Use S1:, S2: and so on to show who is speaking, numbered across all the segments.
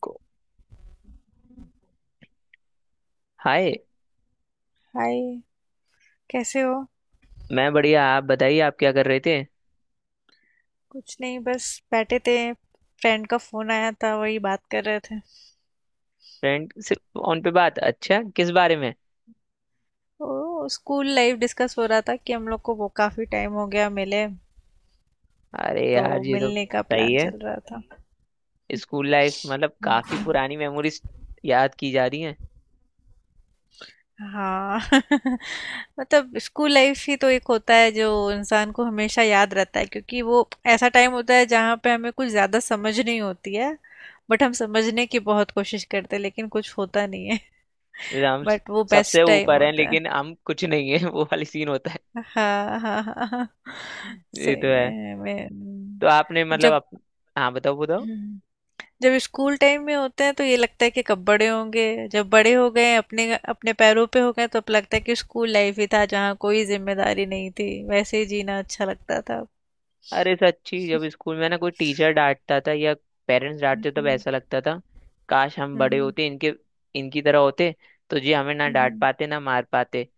S1: को, hi.
S2: Hi. कैसे हो?
S1: मैं बढ़िया, आप बताइए, आप क्या कर रहे थे?
S2: कुछ नहीं, बस बैठे थे, फ्रेंड का फोन आया था, वही बात कर रहे थे।
S1: फ्रेंड से फोन पे बात, अच्छा किस बारे में?
S2: ओ स्कूल लाइफ डिस्कस हो रहा था कि हम लोग को वो काफी टाइम हो गया मिले,
S1: अरे
S2: तो
S1: यार ये तो
S2: मिलने का
S1: सही
S2: प्लान
S1: है।
S2: चल रहा था।
S1: स्कूल लाइफ मतलब काफी पुरानी मेमोरीज याद की जा रही हैं।
S2: हाँ। मतलब स्कूल लाइफ ही तो एक होता है जो इंसान को हमेशा याद रहता है, क्योंकि वो ऐसा टाइम होता है जहाँ पे हमें कुछ ज्यादा समझ नहीं होती है। बट हम समझने की बहुत कोशिश करते हैं लेकिन कुछ होता नहीं है।
S1: जैसे हम स-
S2: बट वो
S1: सबसे
S2: बेस्ट टाइम
S1: ऊपर हैं
S2: होता है।
S1: लेकिन हम कुछ नहीं है वो वाली सीन होता है।
S2: हाँ, हाँ, हाँ, हाँ।
S1: ये तो
S2: सही
S1: है।
S2: में मैं।
S1: तो आपने मतलब
S2: जब
S1: आप हाँ बताओ बताओ।
S2: हम्म, जब स्कूल टाइम में होते हैं तो ये लगता है कि कब बड़े होंगे। जब बड़े हो गए, अपने अपने पैरों पे हो गए, तो अब लगता है कि स्कूल लाइफ ही था जहाँ कोई जिम्मेदारी नहीं थी, वैसे ही जीना अच्छा लगता था।
S1: अरे सच्ची, जब स्कूल में ना कोई टीचर डांटता था या पेरेंट्स डांटते तब
S2: हम्म,
S1: ऐसा लगता था काश हम बड़े
S2: हम्म,
S1: होते, इनके इनकी तरह होते तो ये हमें ना डांट
S2: हम्म,
S1: पाते ना मार पाते।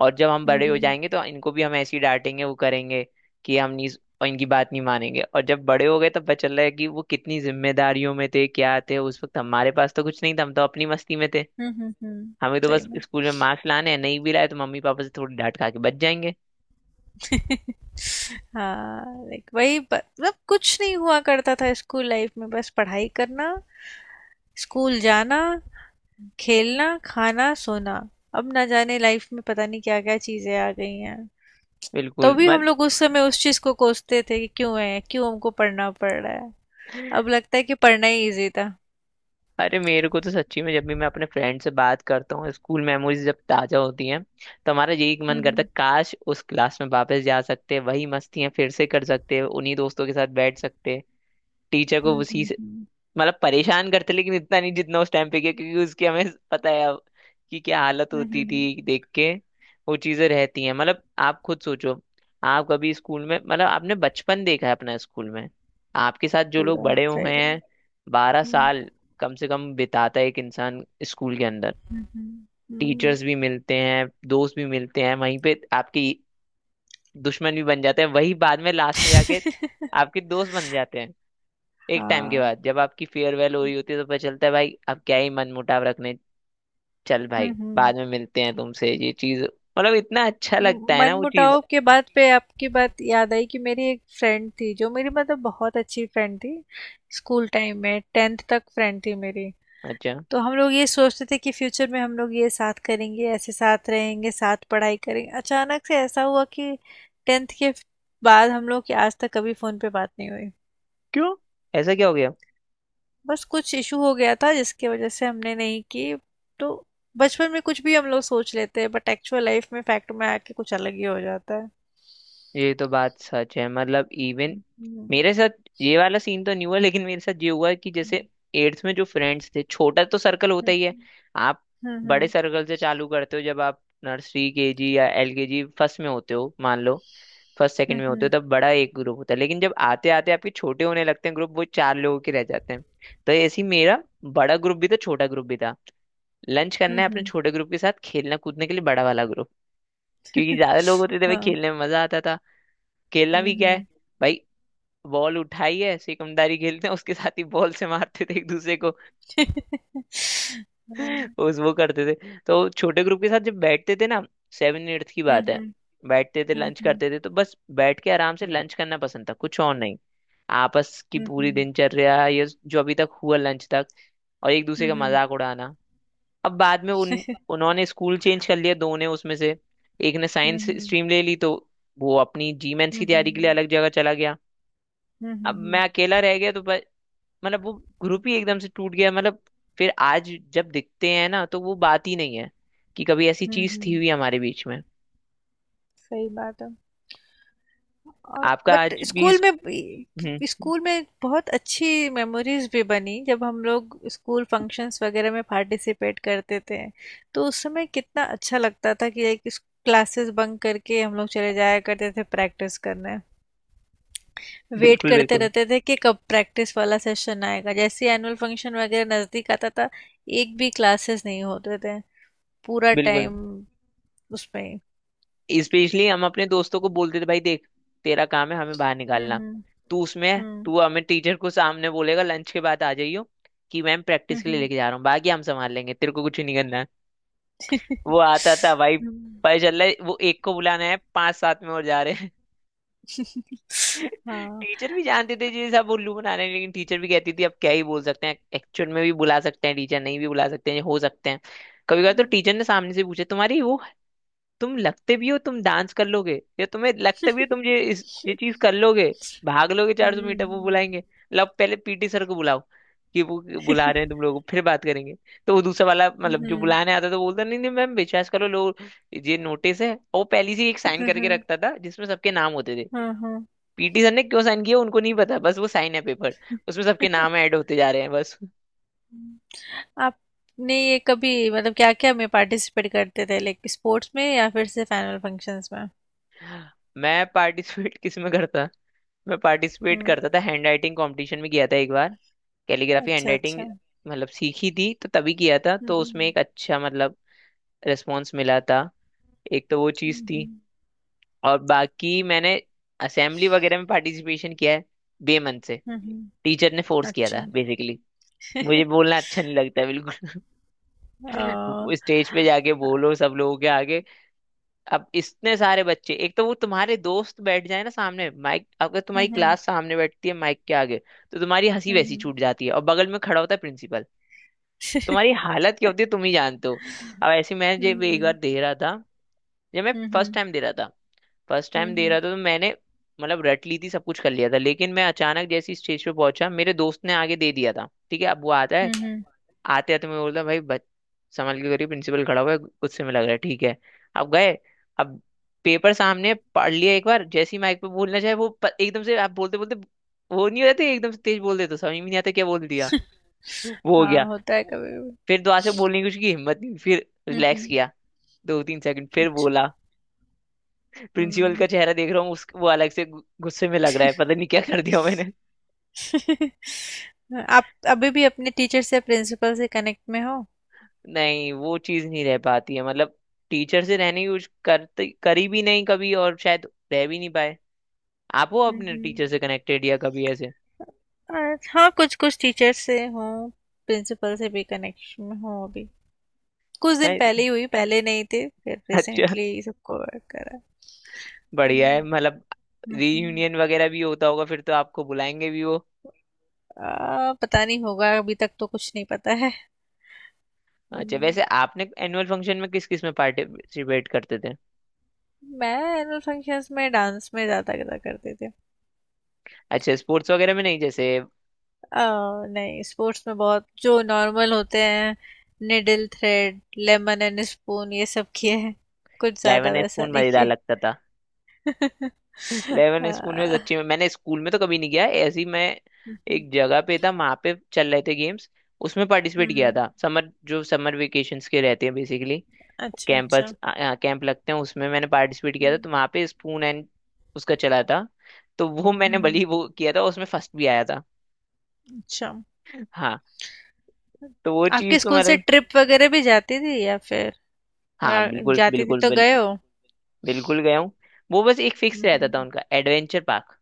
S1: और जब हम बड़े हो
S2: हम्म,
S1: जाएंगे तो इनको भी हम ऐसे ही डांटेंगे, वो करेंगे कि हम नहीं और इनकी बात नहीं मानेंगे। और जब बड़े हो गए तब पता चल रहा है कि वो कितनी जिम्मेदारियों में थे, क्या थे उस वक्त। हमारे पास तो कुछ नहीं था, हम तो अपनी मस्ती में थे।
S2: हम्म, हम्म।
S1: हमें तो
S2: सही
S1: बस
S2: में।
S1: स्कूल में मार्क्स लाने हैं, नहीं भी लाए तो मम्मी पापा से थोड़ी डांट खा के बच जाएंगे।
S2: हाँ, लाइक वही मतलब कुछ नहीं हुआ करता था स्कूल लाइफ में, बस पढ़ाई करना, स्कूल जाना, खेलना, खाना, सोना। अब ना जाने लाइफ में पता नहीं क्या-क्या चीज़ें आ गई हैं। तो
S1: बिल्कुल
S2: भी हम
S1: मत
S2: लोग उस समय उस चीज़ को कोसते थे कि क्यों है, क्यों हमको पढ़ना पड़ रहा है। अब लगता है कि पढ़ना ही ईज़ी था।
S1: अरे मेरे को तो सच्ची में जब भी मैं अपने फ्रेंड से बात करता हूँ, स्कूल मेमोरीज जब ताजा होती हैं तो हमारा यही
S2: हुँ,
S1: मन करता
S2: हुँ।
S1: है काश उस क्लास में वापस जा सकते, वही मस्तियां फिर से कर सकते, उन्हीं दोस्तों के साथ बैठ सकते, टीचर को
S2: हुँ,
S1: उसी
S2: हुँ,
S1: से
S2: हुँ।
S1: मतलब परेशान करते लेकिन इतना नहीं जितना उस टाइम पे किया, क्योंकि उसकी हमें पता है अब कि क्या हालत
S2: हुँ, हुँ,
S1: होती
S2: हुँ।
S1: थी देख के। वो चीजें रहती हैं। मतलब आप खुद सोचो, आप कभी स्कूल में मतलब आपने बचपन देखा है अपना स्कूल में, आपके साथ जो लोग
S2: पूरा,
S1: बड़े
S2: सही
S1: हुए हैं।
S2: बात।
S1: बारह
S2: हुँ,
S1: साल कम से कम बिताता है एक इंसान स्कूल के अंदर।
S2: हुँ, हुँ। हुँ।
S1: टीचर्स भी मिलते हैं, दोस्त भी मिलते हैं, वहीं पे आपकी दुश्मन भी बन जाते हैं, वही बाद में लास्ट में जाके आपके दोस्त बन जाते हैं। एक टाइम के
S2: हाँ।
S1: बाद जब आपकी फेयरवेल हो रही होती है तो पता चलता है भाई अब क्या ही मनमुटाव रखने, चल
S2: हुँ,
S1: भाई
S2: हुँ।
S1: बाद में मिलते हैं तुमसे। ये चीज मतलब इतना अच्छा लगता है ना वो
S2: मनमुटाव
S1: चीज।
S2: के बात पे आपकी बात याद आई कि मेरी एक फ्रेंड थी जो मेरी मतलब बहुत अच्छी फ्रेंड थी। स्कूल टाइम में 10th तक फ्रेंड थी मेरी।
S1: अच्छा,
S2: तो हम लोग ये सोचते थे कि फ्यूचर में हम लोग ये साथ करेंगे, ऐसे साथ रहेंगे, साथ पढ़ाई करेंगे। अचानक से ऐसा हुआ कि 10th के बाद हम लोग की आज तक कभी फ़ोन पे बात नहीं हुई।
S1: क्यों ऐसा क्या हो गया?
S2: बस कुछ इशू हो गया था जिसकी वजह से हमने नहीं की। तो बचपन में कुछ भी हम लोग सोच लेते हैं बट एक्चुअल लाइफ में फैक्ट में आके कुछ अलग ही हो जाता है।
S1: ये तो बात सच है। मतलब इवन
S2: हम्म,
S1: मेरे साथ ये वाला सीन तो नहीं हुआ, लेकिन मेरे साथ ये हुआ कि जैसे एट्थ में जो फ्रेंड्स थे, छोटा तो सर्कल होता ही है।
S2: हम्म।
S1: आप बड़े
S2: हम्म,
S1: सर्कल से चालू करते हो जब आप नर्सरी, केजी या एलकेजी, फर्स्ट में होते हो। मान लो फर्स्ट सेकंड में होते हो
S2: हम्म,
S1: तब बड़ा एक ग्रुप होता है, लेकिन जब आते आते आपके छोटे होने लगते हैं ग्रुप, वो चार लोगों के रह जाते हैं। तो ऐसे ही मेरा बड़ा ग्रुप भी था, छोटा ग्रुप भी था। लंच
S2: हम्म,
S1: करना है अपने छोटे ग्रुप के साथ, खेलना कूदने के लिए बड़ा वाला ग्रुप, क्योंकि ज्यादा लोग होते थे भाई,
S2: हाँ।
S1: खेलने में मजा आता था। खेलना
S2: हम्म,
S1: भी क्या है
S2: हम्म।
S1: भाई, बॉल उठाई है, सिकमदारी खेलते हैं, उसके साथ ही बॉल से मारते थे एक दूसरे को।
S2: हाँ,
S1: उस वो करते थे। तो छोटे ग्रुप के साथ जब बैठते थे ना, सेवन एट्थ की बात है,
S2: हम्म,
S1: बैठते थे लंच
S2: हम्म,
S1: करते थे। तो बस बैठ के आराम से लंच करना पसंद था, कुछ और नहीं। आपस की
S2: हम्म,
S1: पूरी
S2: हम्म।
S1: दिनचर्या ये जो अभी तक हुआ लंच तक, और एक दूसरे
S2: हुँ,
S1: का
S2: हुँ,
S1: मजाक उड़ाना। अब बाद में उन उन्होंने स्कूल चेंज कर लिया दो ने उसमें से, एक ने साइंस
S2: हुँ,
S1: स्ट्रीम ले ली तो वो अपनी जीमेंस
S2: हुँ,
S1: की तैयारी के लिए
S2: हुँ,
S1: अलग जगह चला गया।
S2: हुँ, हुँ,
S1: अब मैं
S2: हुँ,
S1: अकेला रह गया। तो मतलब वो ग्रुप ही एकदम से टूट गया। मतलब फिर आज जब दिखते हैं ना तो वो बात ही नहीं है कि कभी ऐसी
S2: हुँ,
S1: चीज
S2: हुँ।
S1: थी हुई हमारे बीच में।
S2: सही बात है। और
S1: आपका
S2: बट
S1: आज भी
S2: स्कूल
S1: इस...
S2: में
S1: हम्म
S2: स्कूल में बहुत अच्छी मेमोरीज भी बनी जब हम लोग स्कूल फंक्शंस वगैरह में पार्टिसिपेट करते थे, तो उस समय कितना अच्छा लगता था कि एक क्लासेस बंक करके हम लोग चले जाया करते थे प्रैक्टिस करने। वेट
S1: बिल्कुल
S2: करते
S1: बिल्कुल
S2: रहते थे कि कब प्रैक्टिस वाला सेशन आएगा। जैसे एनुअल फंक्शन वगैरह नज़दीक आता था, एक भी क्लासेस नहीं होते थे, पूरा
S1: बिल्कुल।
S2: टाइम उसमें।
S1: स्पेशली हम अपने दोस्तों को बोलते थे भाई देख, तेरा काम है हमें बाहर
S2: हुँ,
S1: निकालना।
S2: हुँ।
S1: तू उसमें
S2: हुँ।
S1: तू हमें टीचर को सामने बोलेगा लंच के बाद आ जाइयो कि मैम
S2: हुँ,
S1: प्रैक्टिस के लिए
S2: हुँ।
S1: लेके जा रहा हूँ, बाकी हम संभाल लेंगे, तेरे को कुछ नहीं करना है। वो आता था भाई,
S2: हुँ।
S1: पता चल रहा है वो एक को बुलाना है, पांच सात में और जा रहे।
S2: हाँ।
S1: टीचर भी जानते थे जी सब उल्लू बना रहे हैं, लेकिन टीचर भी कहती थी अब क्या ही बोल सकते हैं, एक्चुअल में भी बुला सकते हैं, टीचर नहीं भी बुला सकते हैं, हो सकते हैं। कभी कभी तो
S2: हुँ।
S1: टीचर ने सामने से पूछा तुम्हारी वो, तुम लगते भी हो तुम डांस कर लोगे, या तुम्हें लगता भी हो तुम ये चीज कर लोगे, भाग लोगे
S2: हुँ।
S1: 400 मीटर, वो बुलाएंगे। लब पहले पीटी सर को बुलाओ कि वो बुला रहे हैं तुम लोगों को, फिर बात करेंगे। तो वो दूसरा वाला मतलब जो
S2: हुँ।
S1: बुलाने आता तो बोलता नहीं नहीं मैम, विश्वास करो लोग, ये नोटिस है, और वो पहले से ही एक साइन
S2: हुँ,
S1: करके
S2: हुँ।
S1: रखता था जिसमें सबके नाम होते थे।
S2: हाँ, हाँ।
S1: पीटी सर ने क्यों साइन किया उनको नहीं पता, बस वो साइन है पेपर, उसमें
S2: हुँ।
S1: सबके नाम ऐड होते जा रहे हैं बस।
S2: आपने ये कभी मतलब क्या-क्या में पार्टिसिपेट करते थे, लाइक स्पोर्ट्स में या फिर सिर्फ़ एनुअल फंक्शंस में?
S1: मैं पार्टिसिपेट किस में करता। मैं पार्टिसिपेट
S2: हुँ।
S1: करता था हैंड राइटिंग कॉम्पिटिशन में, किया था एक बार, कैलीग्राफी हैंड
S2: अच्छा,
S1: राइटिंग
S2: अच्छा। हुँ,
S1: मतलब सीखी थी तो तभी किया था। तो उसमें
S2: हुँ।
S1: एक अच्छा मतलब रिस्पॉन्स मिला था, एक तो वो चीज़
S2: हुँ,
S1: थी।
S2: हुँ।
S1: और बाकी मैंने असेंबली वगैरह में पार्टिसिपेशन किया है बेमन से,
S2: हुँ, हुँ।
S1: टीचर ने फोर्स किया था
S2: अच्छा।
S1: बेसिकली। मुझे बोलना अच्छा नहीं लगता है बिल्कुल।
S2: अ,
S1: स्टेज पे जाके
S2: अ,
S1: बोलो सब लोगों के आगे। अब इतने सारे बच्चे, एक तो वो तुम्हारे दोस्त बैठ जाए ना सामने माइक, अगर
S2: हुँ,
S1: तुम्हारी
S2: हुँ।
S1: क्लास सामने बैठती है माइक के आगे, तो तुम्हारी हंसी
S2: हुँ,
S1: वैसी
S2: हुँ।
S1: छूट जाती है। और बगल में खड़ा होता है प्रिंसिपल, तुम्हारी हालत क्या होती है तुम ही जानते हो। अब ऐसे मैं
S2: हुँ,
S1: जब एक बार
S2: हुँ।
S1: दे रहा था जब मैं
S2: हुँ,
S1: फर्स्ट
S2: हुँ।
S1: टाइम दे रहा था फर्स्ट
S2: हुँ,
S1: टाइम दे रहा
S2: हुँ।
S1: था तो मैंने मतलब रट ली थी, सब कुछ कर लिया था। लेकिन मैं अचानक जैसे स्टेज पे पहुंचा मेरे दोस्त ने आगे दे दिया था, ठीक है अब वो आता है।
S2: हुँ, हुँ।
S1: आते आते मैं बोलता भाई बच, संभल के करिए प्रिंसिपल खड़ा हुआ है गुस्से में लग रहा है, ठीक है। अब गए। अब पेपर सामने है, पढ़ लिया एक बार, जैसी माइक पे बोलना चाहे वो एकदम से आप बोलते बोलते वो नहीं हो जाते, एकदम से तेज बोल देते तो समझ में नहीं आता क्या बोल दिया। वो हो गया।
S2: हाँ, होता है कभी-कभी।
S1: फिर दोबारा से बोलने की उसकी हिम्मत नहीं, फिर
S2: हुँ,
S1: रिलैक्स
S2: हुँ।
S1: किया दो तीन सेकंड, फिर
S2: अच्छ
S1: बोला। प्रिंसिपल का
S2: हुँ।
S1: चेहरा देख रहा हूँ, उस वो अलग से गुस्से में लग रहा है, पता नहीं क्या कर दिया मैंने।
S2: आप अभी भी अपने टीचर से प्रिंसिपल से कनेक्ट में हो?
S1: नहीं, वो चीज नहीं रह पाती है मतलब। टीचर से रहने की कुछ करते करी भी नहीं कभी, और शायद रह भी नहीं पाए। आप हो
S2: हुँ,
S1: अपने टीचर
S2: हुँ।
S1: से कनेक्टेड या कभी ऐसे
S2: हाँ, कुछ-कुछ टीचर से हूँ, प्रिंसिपल से भी कनेक्शन में हूँ अभी। कुछ दिन
S1: मैं,
S2: पहले ही हुई, पहले नहीं थे, फिर
S1: अच्छा
S2: रिसेंटली सबको करा।
S1: बढ़िया है
S2: हुँ,
S1: मतलब।
S2: हुँ, हुँ।
S1: रीयूनियन वगैरह भी होता होगा फिर तो आपको बुलाएंगे भी वो।
S2: पता नहीं होगा, अभी तक तो कुछ नहीं पता है।
S1: अच्छा वैसे
S2: हुँ।
S1: आपने एनुअल फंक्शन में किस किस में पार्टिसिपेट करते थे?
S2: मैं एनुअल फंक्शंस में डांस में ज़्यादा करा करते थे।
S1: अच्छा स्पोर्ट्स वगैरह में नहीं जैसे?
S2: नहीं, स्पोर्ट्स में बहुत जो नॉर्मल होते हैं, needle thread, lemon and spoon, ये सब किए हैं, कुछ ज्यादा
S1: इलेवन
S2: वैसा
S1: स्पून
S2: नहीं
S1: मजेदार
S2: किए।
S1: लगता था। इलेवन
S2: आ,
S1: स्पून में सच्ची में मैंने स्कूल में तो कभी नहीं किया है। ऐसी मैं
S2: हम्म,
S1: एक जगह पे था, वहां पे चल रहे थे गेम्स, उसमें पार्टिसिपेट किया
S2: हम्म।
S1: था। समर जो समर वेकेशंस के रहते हैं बेसिकली,
S2: अच्छा,
S1: कैंपस,
S2: अच्छा।
S1: कैंप लगते हैं उसमें मैंने पार्टिसिपेट किया था।
S2: हम्म,
S1: तो वहां पे स्पून एंड उसका चला था, तो वो मैंने
S2: हम्म।
S1: भली वो किया था, उसमें फर्स्ट भी आया था।
S2: अच्छा।
S1: हाँ, तो वो
S2: आपके
S1: चीज तो
S2: स्कूल से
S1: मतलब।
S2: ट्रिप वगैरह भी जाती थी या फिर
S1: हाँ
S2: या
S1: बिल्कुल
S2: जाती थी
S1: बिल्कुल
S2: तो गए हो?
S1: बिल्कुल गया हूँ। वो बस एक फिक्स रहता था
S2: हम्म,
S1: उनका एडवेंचर पार्क,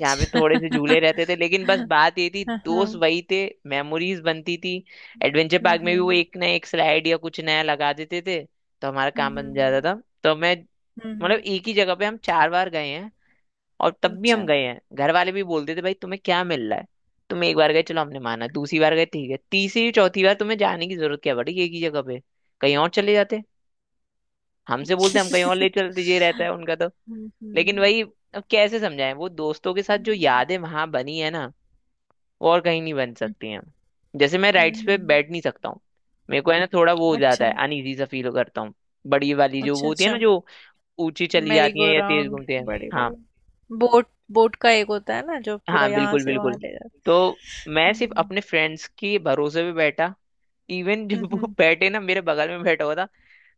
S1: यहाँ पे थोड़े से झूले रहते थे, लेकिन बस बात ये थी
S2: हाँ,
S1: दोस्त
S2: हाँ।
S1: वही थे, मेमोरीज बनती थी। एडवेंचर
S2: हम्म,
S1: पार्क में भी वो
S2: हम्म,
S1: एक ना एक स्लाइड या कुछ नया लगा देते थे तो हमारा काम
S2: हम्म,
S1: बन जाता था। तो मैं मतलब
S2: हम्म।
S1: एक ही जगह पे हम चार बार गए हैं, और तब भी हम
S2: अच्छा।
S1: गए हैं। घर वाले भी बोलते थे भाई तुम्हें क्या मिल रहा है, तुम एक बार गए चलो हमने माना, दूसरी बार गए ठीक है, तीसरी चौथी बार तुम्हें जाने की जरूरत क्या पड़ी एक ही जगह पे, कहीं और चले जाते। हमसे बोलते हम कहीं और ले चलते, ये रहता है उनका तो।
S2: हम्म,
S1: लेकिन
S2: हम्म।
S1: वही, अब कैसे समझाएं वो दोस्तों के साथ जो
S2: हुँ,
S1: यादें वहां बनी है ना और कहीं नहीं बन सकती हैं। जैसे मैं
S2: हुँ,
S1: राइड्स पे
S2: हुँ।
S1: बैठ नहीं सकता हूँ, मेरे को है ना थोड़ा वो हो जाता
S2: अच्छा,
S1: है, अनईजी सा फील करता हूँ। बड़ी वाली जो वो
S2: अच्छा,
S1: होती है
S2: अच्छा।
S1: ना जो ऊंची चली
S2: मेरी
S1: जाती है
S2: गो
S1: या तेज
S2: राउंड,
S1: घूमती है।
S2: बड़े
S1: हाँ,
S2: बड़े बोट बोट का एक होता है ना जो पूरा
S1: हाँ
S2: यहाँ
S1: बिल्कुल
S2: से वहां
S1: बिल्कुल।
S2: ले जाता
S1: तो
S2: है।
S1: मैं सिर्फ
S2: हम्म,
S1: अपने फ्रेंड्स के भरोसे पे बैठा, इवन जब वो
S2: हम्म,
S1: बैठे ना मेरे बगल में बैठा हुआ था,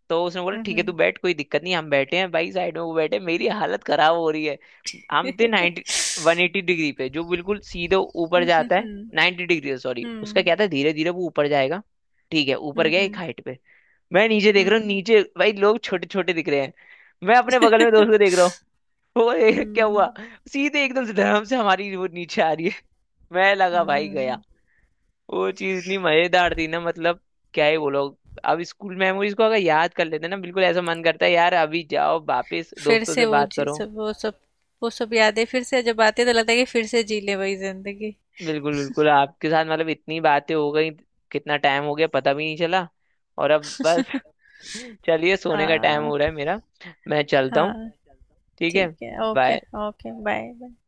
S1: तो उसने बोला
S2: हम्म,
S1: ठीक है तू
S2: हम्म,
S1: बैठ कोई दिक्कत नहीं हम बैठे हैं भाई साइड में। वो बैठे, मेरी हालत खराब हो रही है। हम थे 90 180 डिग्री पे जो बिल्कुल सीधे ऊपर
S2: हम्म,
S1: जाता है। 90 डिग्री सॉरी, उसका
S2: हम्म,
S1: क्या था धीरे धीरे वो ऊपर जाएगा। ठीक है ऊपर गया एक
S2: हम्म,
S1: हाइट पे, मैं नीचे देख
S2: हम्म,
S1: रहा हूँ,
S2: हम्म।
S1: नीचे भाई लोग छोटे छोटे दिख रहे हैं। मैं अपने बगल में दोस्त को देख रहा हूँ। वो ए, क्या
S2: हम्म,
S1: हुआ, सीधे एकदम से धर्म से हमारी वो नीचे आ रही है। मैं लगा भाई गया।
S2: हम्म।
S1: वो चीज इतनी मजेदार थी ना मतलब, क्या ही बोलो। अब स्कूल मेमोरीज को अगर याद कर लेते ना बिल्कुल ऐसा मन करता है यार अभी जाओ वापस
S2: फिर
S1: दोस्तों
S2: से
S1: से
S2: वो
S1: बात
S2: जी
S1: करो।
S2: सब वो सब वो सब यादें फिर से जब आती है तो लगता है कि फिर से जी ले वही जिंदगी।
S1: बिल्कुल बिल्कुल, आपके साथ मतलब इतनी बातें हो गई, कितना टाइम हो गया पता भी नहीं चला। और अब बस चलिए सोने का टाइम
S2: हाँ,
S1: हो रहा है मेरा। मैं चलता हूँ।
S2: हाँ।
S1: ठीक है
S2: ठीक है, okay.
S1: Bye.
S2: Okay, bye bye.